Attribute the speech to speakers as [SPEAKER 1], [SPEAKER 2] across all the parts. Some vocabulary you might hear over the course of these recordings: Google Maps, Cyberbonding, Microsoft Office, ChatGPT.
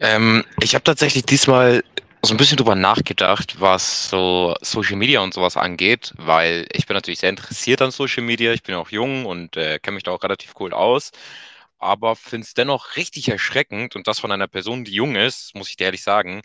[SPEAKER 1] Ich habe tatsächlich diesmal so ein bisschen drüber nachgedacht, was so Social Media und sowas angeht, weil ich bin natürlich sehr interessiert an Social Media. Ich bin auch jung und kenne mich da auch relativ cool aus. Aber finde es dennoch richtig erschreckend, und das von einer Person, die jung ist, muss ich dir ehrlich sagen,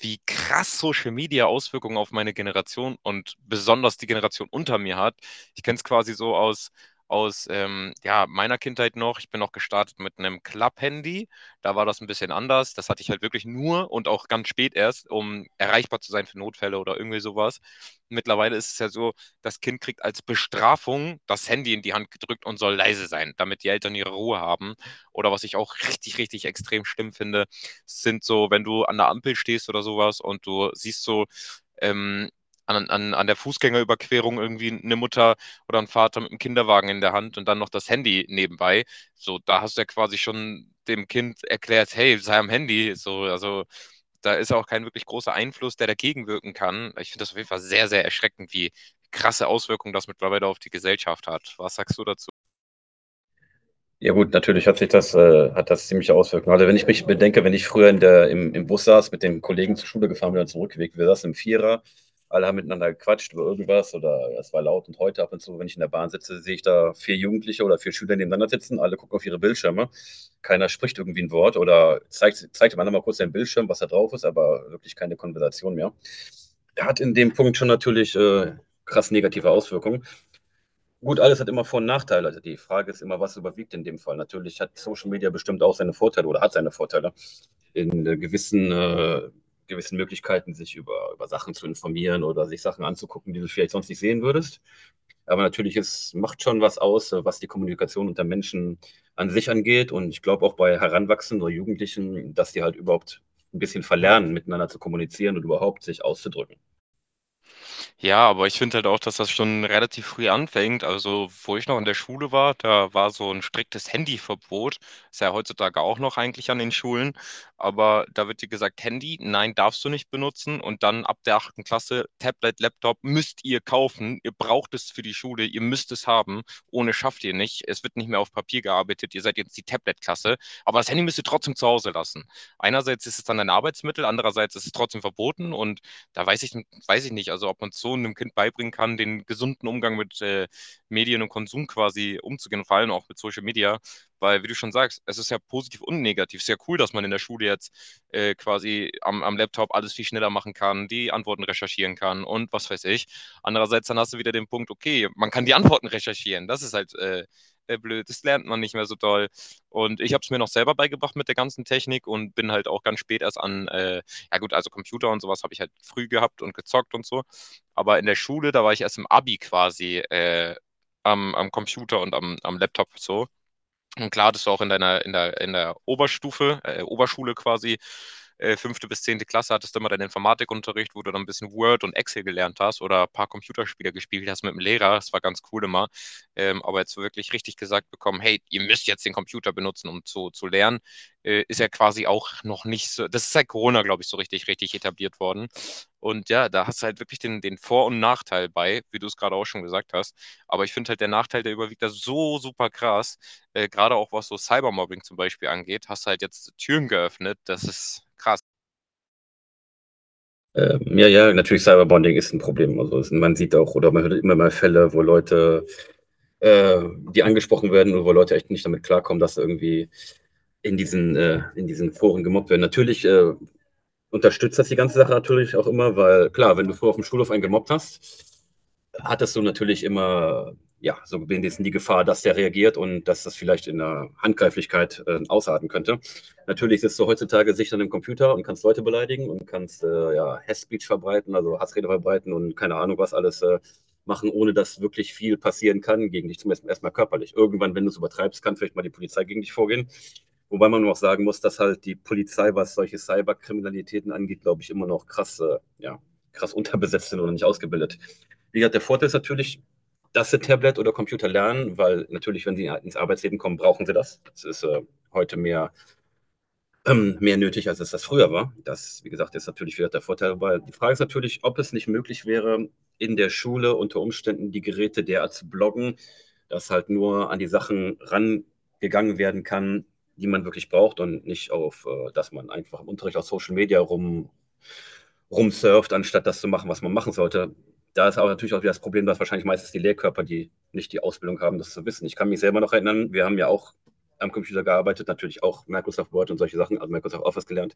[SPEAKER 1] wie krass Social Media Auswirkungen auf meine Generation und besonders die Generation unter mir hat. Ich kenne es quasi so aus, aus ja, meiner Kindheit noch. Ich bin noch gestartet mit einem Club-Handy, da war das ein bisschen anders. Das hatte ich halt wirklich nur, und auch ganz spät erst, um erreichbar zu sein für Notfälle oder irgendwie sowas. Mittlerweile ist es ja so, das Kind kriegt als Bestrafung das Handy in die Hand gedrückt und soll leise sein, damit die Eltern ihre Ruhe haben. Oder was ich auch richtig, richtig extrem schlimm finde, sind so, wenn du an der Ampel stehst oder sowas und du siehst so, ähm, an der Fußgängerüberquerung irgendwie eine Mutter oder ein Vater mit einem Kinderwagen in der Hand und dann noch das Handy nebenbei. So, da hast du ja quasi schon dem Kind erklärt, hey, sei am Handy. So, also da ist auch kein wirklich großer Einfluss, der dagegen wirken kann. Ich finde das auf jeden Fall sehr, sehr erschreckend, wie krasse Auswirkungen das mittlerweile auf die Gesellschaft hat. Was sagst du dazu?
[SPEAKER 2] Ja gut, natürlich hat sich das, hat das ziemliche Auswirkungen. Also wenn ich mich bedenke, wenn ich früher im Bus saß, mit den Kollegen zur Schule gefahren bin und zurückgelegt, wir saßen im Vierer, alle haben miteinander gequatscht über irgendwas oder es war laut und heute ab und zu, wenn ich in der Bahn sitze, sehe ich da vier Jugendliche oder vier Schüler nebeneinander sitzen, alle gucken auf ihre Bildschirme, keiner spricht irgendwie ein Wort oder zeigt dem anderen mal kurz den Bildschirm, was da drauf ist, aber wirklich keine Konversation mehr. Hat in dem Punkt schon natürlich krass negative Auswirkungen. Gut, alles hat immer Vor- und Nachteile. Also die Frage ist immer, was überwiegt in dem Fall. Natürlich hat Social Media bestimmt auch seine Vorteile oder hat seine Vorteile in gewissen Möglichkeiten, sich über Sachen zu informieren oder sich Sachen anzugucken, die du vielleicht sonst nicht sehen würdest. Aber natürlich ist, macht schon was aus, was die Kommunikation unter Menschen an sich angeht. Und ich glaube auch bei Heranwachsenden oder Jugendlichen, dass die halt überhaupt ein bisschen verlernen, miteinander zu kommunizieren und überhaupt sich auszudrücken.
[SPEAKER 1] Ja, aber ich finde halt auch, dass das schon relativ früh anfängt. Also, wo ich noch in der Schule war, da war so ein striktes Handyverbot. Ist ja heutzutage auch noch eigentlich an den Schulen. Aber da wird dir gesagt, Handy, nein, darfst du nicht benutzen. Und dann ab der achten Klasse, Tablet, Laptop müsst ihr kaufen. Ihr braucht es für die Schule, ihr müsst es haben. Ohne schafft ihr nicht. Es wird nicht mehr auf Papier gearbeitet. Ihr seid jetzt die Tablet-Klasse. Aber das Handy müsst ihr trotzdem zu Hause lassen. Einerseits ist es dann ein Arbeitsmittel, andererseits ist es trotzdem verboten, und da weiß ich, weiß ich nicht, also ob man so einem Kind beibringen kann, den gesunden Umgang mit Medien und Konsum quasi umzugehen, vor allem auch mit Social Media, weil, wie du schon sagst, es ist ja positiv und negativ. Es ist ja cool, dass man in der Schule jetzt quasi am Laptop alles viel schneller machen kann, die Antworten recherchieren kann und was weiß ich. Andererseits, dann hast du wieder den Punkt, okay, man kann die Antworten recherchieren. Das ist halt blöd, das lernt man nicht mehr so doll. Und ich habe es mir noch selber beigebracht mit der ganzen Technik, und bin halt auch ganz spät erst an ja gut, also Computer und sowas habe ich halt früh gehabt und gezockt und so. Aber in der Schule, da war ich erst im Abi quasi am Computer und am Laptop so. Und klar hattest du auch in der Oberstufe, Oberschule quasi, fünfte bis zehnte Klasse, hattest du immer deinen Informatikunterricht, wo du dann ein bisschen Word und Excel gelernt hast oder ein paar Computerspiele gespielt hast mit dem Lehrer. Das war ganz cool immer. Aber jetzt so wirklich richtig gesagt bekommen, hey, ihr müsst jetzt den Computer benutzen, um zu lernen, ist ja quasi auch noch nicht so, das ist seit Corona, glaube ich, so richtig, richtig etabliert worden. Und ja, da hast du halt wirklich den Vor- und Nachteil bei, wie du es gerade auch schon gesagt hast. Aber ich finde halt, der Nachteil, der überwiegt da so super krass, gerade auch was so Cybermobbing zum Beispiel angeht, hast du halt jetzt Türen geöffnet. Das ist krass.
[SPEAKER 2] Ja, natürlich Cyberbonding ist ein Problem. Also es, man sieht auch oder man hört immer mal Fälle, wo Leute, äh, die angesprochen werden oder wo Leute echt nicht damit klarkommen, dass sie irgendwie in diesen Foren gemobbt werden. Natürlich unterstützt das die ganze Sache natürlich auch immer, weil klar, wenn du früher auf dem Schulhof einen gemobbt hast, hattest du natürlich immer, ja, so wenigstens die Gefahr, dass der reagiert und dass das vielleicht in der Handgreiflichkeit ausarten könnte. Natürlich sitzt du heutzutage sicher an dem Computer und kannst Leute beleidigen und kannst ja, Hass-Speech verbreiten, also Hassrede verbreiten und keine Ahnung was alles machen, ohne dass wirklich viel passieren kann gegen dich, zumindest erstmal körperlich. Irgendwann, wenn du es übertreibst, kann vielleicht mal die Polizei gegen dich vorgehen. Wobei man auch sagen muss, dass halt die Polizei, was solche Cyberkriminalitäten angeht, glaube ich, immer noch krass, krass unterbesetzt sind oder nicht ausgebildet. Wie gesagt, der Vorteil ist natürlich, dass sie Tablet oder Computer lernen, weil natürlich, wenn sie ins Arbeitsleben kommen, brauchen sie das. Das ist heute mehr nötig, als es das früher war. Das, wie gesagt, ist natürlich wieder der Vorteil. Aber die Frage ist natürlich, ob es nicht möglich wäre, in der Schule unter Umständen die Geräte derart zu bloggen, dass halt nur an die Sachen rangegangen werden kann, die man wirklich braucht und nicht auf, dass man einfach im Unterricht auf Social Media rumsurft, anstatt das zu machen, was man machen sollte. Da ist aber natürlich auch wieder das Problem, dass wahrscheinlich meistens die Lehrkörper, die nicht die Ausbildung haben, das zu wissen. Ich kann mich selber noch erinnern, wir haben ja auch am Computer gearbeitet, natürlich auch Microsoft Word und solche Sachen, also Microsoft Office gelernt.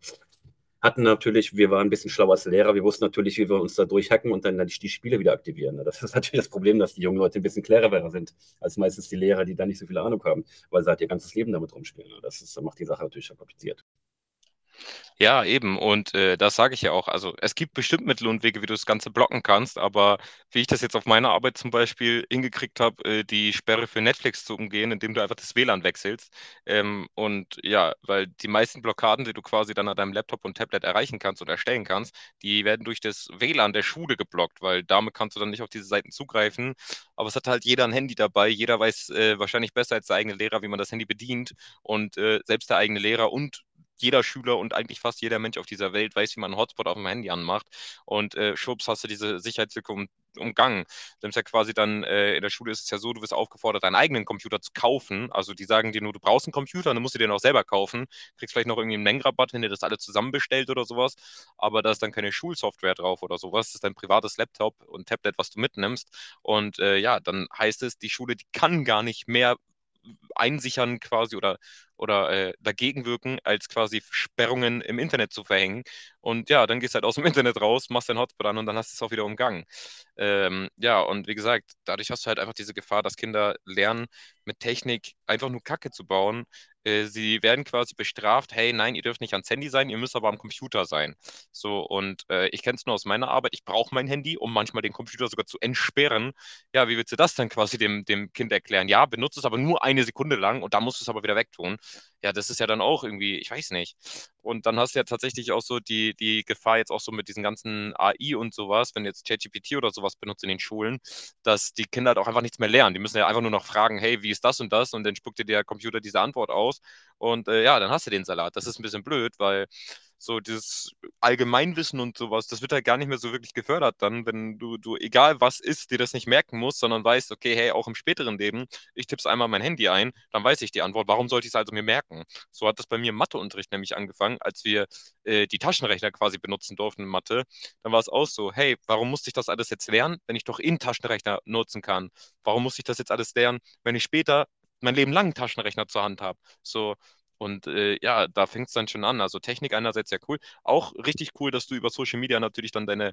[SPEAKER 2] Hatten natürlich, wir waren ein bisschen schlauer als Lehrer, wir wussten natürlich, wie wir uns da durchhacken und dann die Spiele wieder aktivieren. Das ist natürlich das Problem, dass die jungen Leute ein bisschen cleverer sind als meistens die Lehrer, die da nicht so viel Ahnung haben, weil sie halt ihr ganzes Leben damit rumspielen. Das ist, macht die Sache natürlich schon kompliziert.
[SPEAKER 1] Ja, eben. Und das sage ich ja auch. Also es gibt bestimmt Mittel und Wege, wie du das Ganze blocken kannst, aber wie ich das jetzt auf meiner Arbeit zum Beispiel hingekriegt habe, die Sperre für Netflix zu umgehen, indem du einfach das WLAN wechselst. Und ja, weil die meisten Blockaden, die du quasi dann an deinem Laptop und Tablet erreichen kannst und erstellen kannst, die werden durch das WLAN der Schule geblockt, weil damit kannst du dann nicht auf diese Seiten zugreifen. Aber es hat halt jeder ein Handy dabei. Jeder weiß wahrscheinlich besser als der eigene Lehrer, wie man das Handy bedient. Und selbst der eigene Lehrer und jeder Schüler und eigentlich fast jeder Mensch auf dieser Welt weiß, wie man einen Hotspot auf dem Handy anmacht. Und schwupps hast du diese Sicherheitslücke umgangen. Du nimmst ja quasi dann, in der Schule ist es ja so, du wirst aufgefordert, deinen eigenen Computer zu kaufen. Also die sagen dir nur, du brauchst einen Computer, dann musst du den auch selber kaufen. Kriegst vielleicht noch irgendwie einen Mengenrabatt, wenn ihr das alle zusammenbestellt oder sowas. Aber da ist dann keine Schulsoftware drauf oder sowas. Das ist dein privates Laptop und Tablet, was du mitnimmst. Und ja, dann heißt es, die Schule, die kann gar nicht mehr einsichern quasi, oder dagegen wirken, als quasi Sperrungen im Internet zu verhängen. Und ja, dann gehst du halt aus dem Internet raus, machst deinen Hotspot an und dann hast du es auch wieder umgangen. Ja, und wie gesagt, dadurch hast du halt einfach diese Gefahr, dass Kinder lernen, mit Technik einfach nur Kacke zu bauen. Sie werden quasi bestraft, hey, nein, ihr dürft nicht ans Handy sein, ihr müsst aber am Computer sein. So, und ich kenne es nur aus meiner Arbeit, ich brauche mein Handy, um manchmal den Computer sogar zu entsperren. Ja, wie willst du das dann quasi dem Kind erklären? Ja, benutzt es aber nur eine Sekunde lang und dann musst du es aber wieder wegtun. Ja, das ist ja dann auch irgendwie, ich weiß nicht. Und dann hast du ja tatsächlich auch so die Gefahr jetzt auch so mit diesen ganzen AI und sowas, wenn jetzt ChatGPT oder sowas benutzt in den Schulen, dass die Kinder halt auch einfach nichts mehr lernen. Die müssen ja einfach nur noch fragen, hey, wie ist das und das? Und dann spuckt dir der Computer diese Antwort aus. Und ja, dann hast du den Salat. Das ist ein bisschen blöd, weil so dieses Allgemeinwissen und sowas, das wird halt gar nicht mehr so wirklich gefördert dann, wenn du, egal was ist, dir das nicht merken musst, sondern weißt, okay, hey, auch im späteren Leben, ich tipp's einmal mein Handy ein, dann weiß ich die Antwort. Warum sollte ich es also mir merken? So hat das bei mir im Matheunterricht nämlich angefangen, als wir die Taschenrechner quasi benutzen durften in Mathe. Dann war es auch so, hey, warum musste ich das alles jetzt lernen, wenn ich doch in Taschenrechner nutzen kann? Warum muss ich das jetzt alles lernen, wenn ich später mein Leben lang einen Taschenrechner zur Hand habe? So, und ja, da fängt es dann schon an. Also Technik einerseits ja cool. Auch richtig cool, dass du über Social Media natürlich dann deine,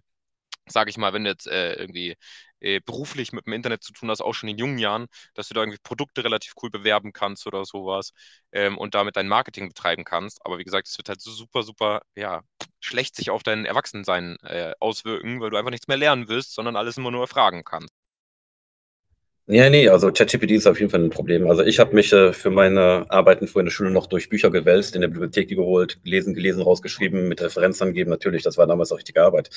[SPEAKER 1] sage ich mal, wenn du jetzt irgendwie beruflich mit dem Internet zu tun hast, auch schon in jungen Jahren, dass du da irgendwie Produkte relativ cool bewerben kannst oder sowas, und damit dein Marketing betreiben kannst. Aber wie gesagt, es wird halt so super, super, ja, schlecht sich auf dein Erwachsensein auswirken, weil du einfach nichts mehr lernen willst, sondern alles immer nur erfragen kannst.
[SPEAKER 2] Ja, ne, also ChatGPT ist auf jeden Fall ein Problem. Also ich habe mich, für meine Arbeiten früher in der Schule noch durch Bücher gewälzt, in der Bibliothek die geholt, gelesen, rausgeschrieben, mit Referenz angeben. Natürlich, das war damals auch richtige Arbeit.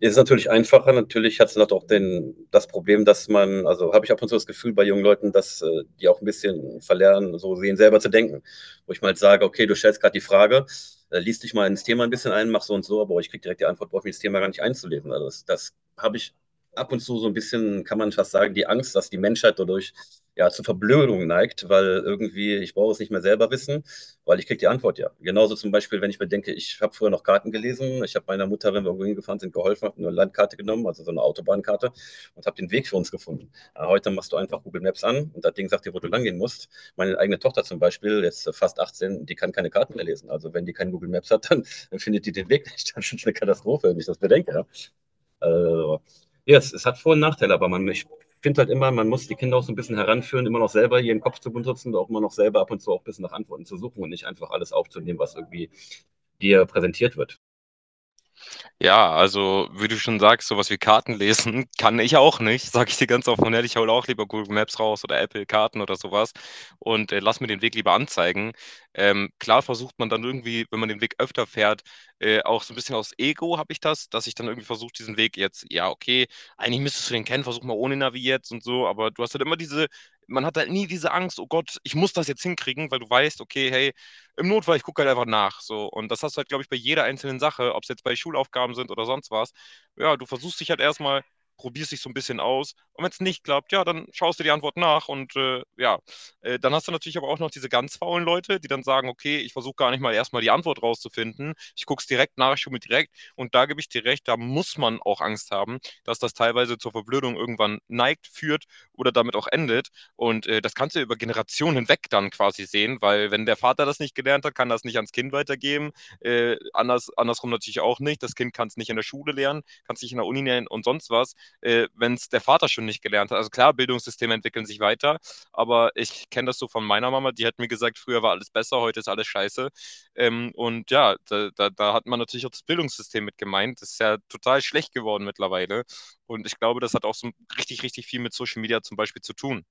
[SPEAKER 2] Ist natürlich einfacher. Natürlich hat's noch doch den das Problem, dass man also, habe ich ab und zu das Gefühl bei jungen Leuten, dass, die auch ein bisschen verlernen, so sehen selber zu denken. Wo ich mal sage: „Okay, du stellst gerade die Frage, lies dich mal ins Thema ein bisschen ein, mach so und so“, aber ich kriege direkt die Antwort, brauche mich das Thema gar nicht einzulesen. Also, das habe ich ab und zu so ein bisschen, kann man fast sagen, die Angst, dass die Menschheit dadurch ja zur Verblödung neigt, weil irgendwie ich brauche es nicht mehr selber wissen, weil ich kriege die Antwort ja. Genauso zum Beispiel, wenn ich mir denke, ich habe früher noch Karten gelesen, ich habe meiner Mutter, wenn wir irgendwo hingefahren sind, geholfen, habe eine Landkarte genommen, also so eine Autobahnkarte und habe den Weg für uns gefunden. Ja, heute machst du einfach Google Maps an und das Ding sagt dir, wo du lang gehen musst. Meine eigene Tochter zum Beispiel, jetzt fast 18, die kann keine Karten mehr lesen. Also wenn die kein Google Maps hat, dann findet die den Weg nicht. Das ist eine Katastrophe, wenn ich das bedenke. Ja. Also, ja, es hat Vor- und Nachteile, aber man, ich finde halt immer, man muss die Kinder auch so ein bisschen heranführen, immer noch selber ihren Kopf zu benutzen und auch immer noch selber ab und zu auch ein bisschen nach Antworten zu suchen und nicht einfach alles aufzunehmen, was irgendwie dir präsentiert wird.
[SPEAKER 1] Ja, also, wie du schon sagst, sowas wie Karten lesen kann ich auch nicht, sage ich dir ganz offen und ehrlich. Ich hole auch lieber Google Maps raus oder Apple Karten oder sowas und lasse mir den Weg lieber anzeigen. Klar versucht man dann irgendwie, wenn man den Weg öfter fährt, auch so ein bisschen aus Ego habe ich das, dass ich dann irgendwie versuche, diesen Weg jetzt, ja, okay, eigentlich müsstest du den kennen, versuch mal ohne Navi jetzt und so, aber du hast halt immer diese, man hat halt nie diese Angst: „Oh Gott, ich muss das jetzt hinkriegen“, weil du weißt, okay, hey, im Notfall, ich gucke halt einfach nach. So. Und das hast du halt, glaube ich, bei jeder einzelnen Sache, ob es jetzt bei Schulaufgaben sind oder sonst was. Ja, du versuchst dich halt erstmal, probierst dich so ein bisschen aus. Und wenn es nicht klappt, ja, dann schaust du die Antwort nach. Und dann hast du natürlich aber auch noch diese ganz faulen Leute, die dann sagen, okay, ich versuche gar nicht mal erstmal die Antwort rauszufinden. Ich gucke es direkt nach, ich schaue mir direkt. Und da gebe ich dir recht, da muss man auch Angst haben, dass das teilweise zur Verblödung irgendwann neigt, führt oder damit auch endet. Und das kannst du über Generationen hinweg dann quasi sehen, weil wenn der Vater das nicht gelernt hat, kann das nicht ans Kind weitergeben. Andersrum natürlich auch nicht. Das Kind kann es nicht in der Schule lernen, kann es nicht in der Uni lernen und sonst was, wenn es der Vater schon nicht gelernt hat. Also klar, Bildungssysteme entwickeln sich weiter, aber ich kenne das so von meiner Mama, die hat mir gesagt, früher war alles besser, heute ist alles scheiße. Und ja, da hat man natürlich auch das Bildungssystem mit gemeint. Das ist ja total schlecht geworden mittlerweile. Und ich glaube, das hat auch so richtig, richtig viel mit Social Media zum Beispiel zu tun.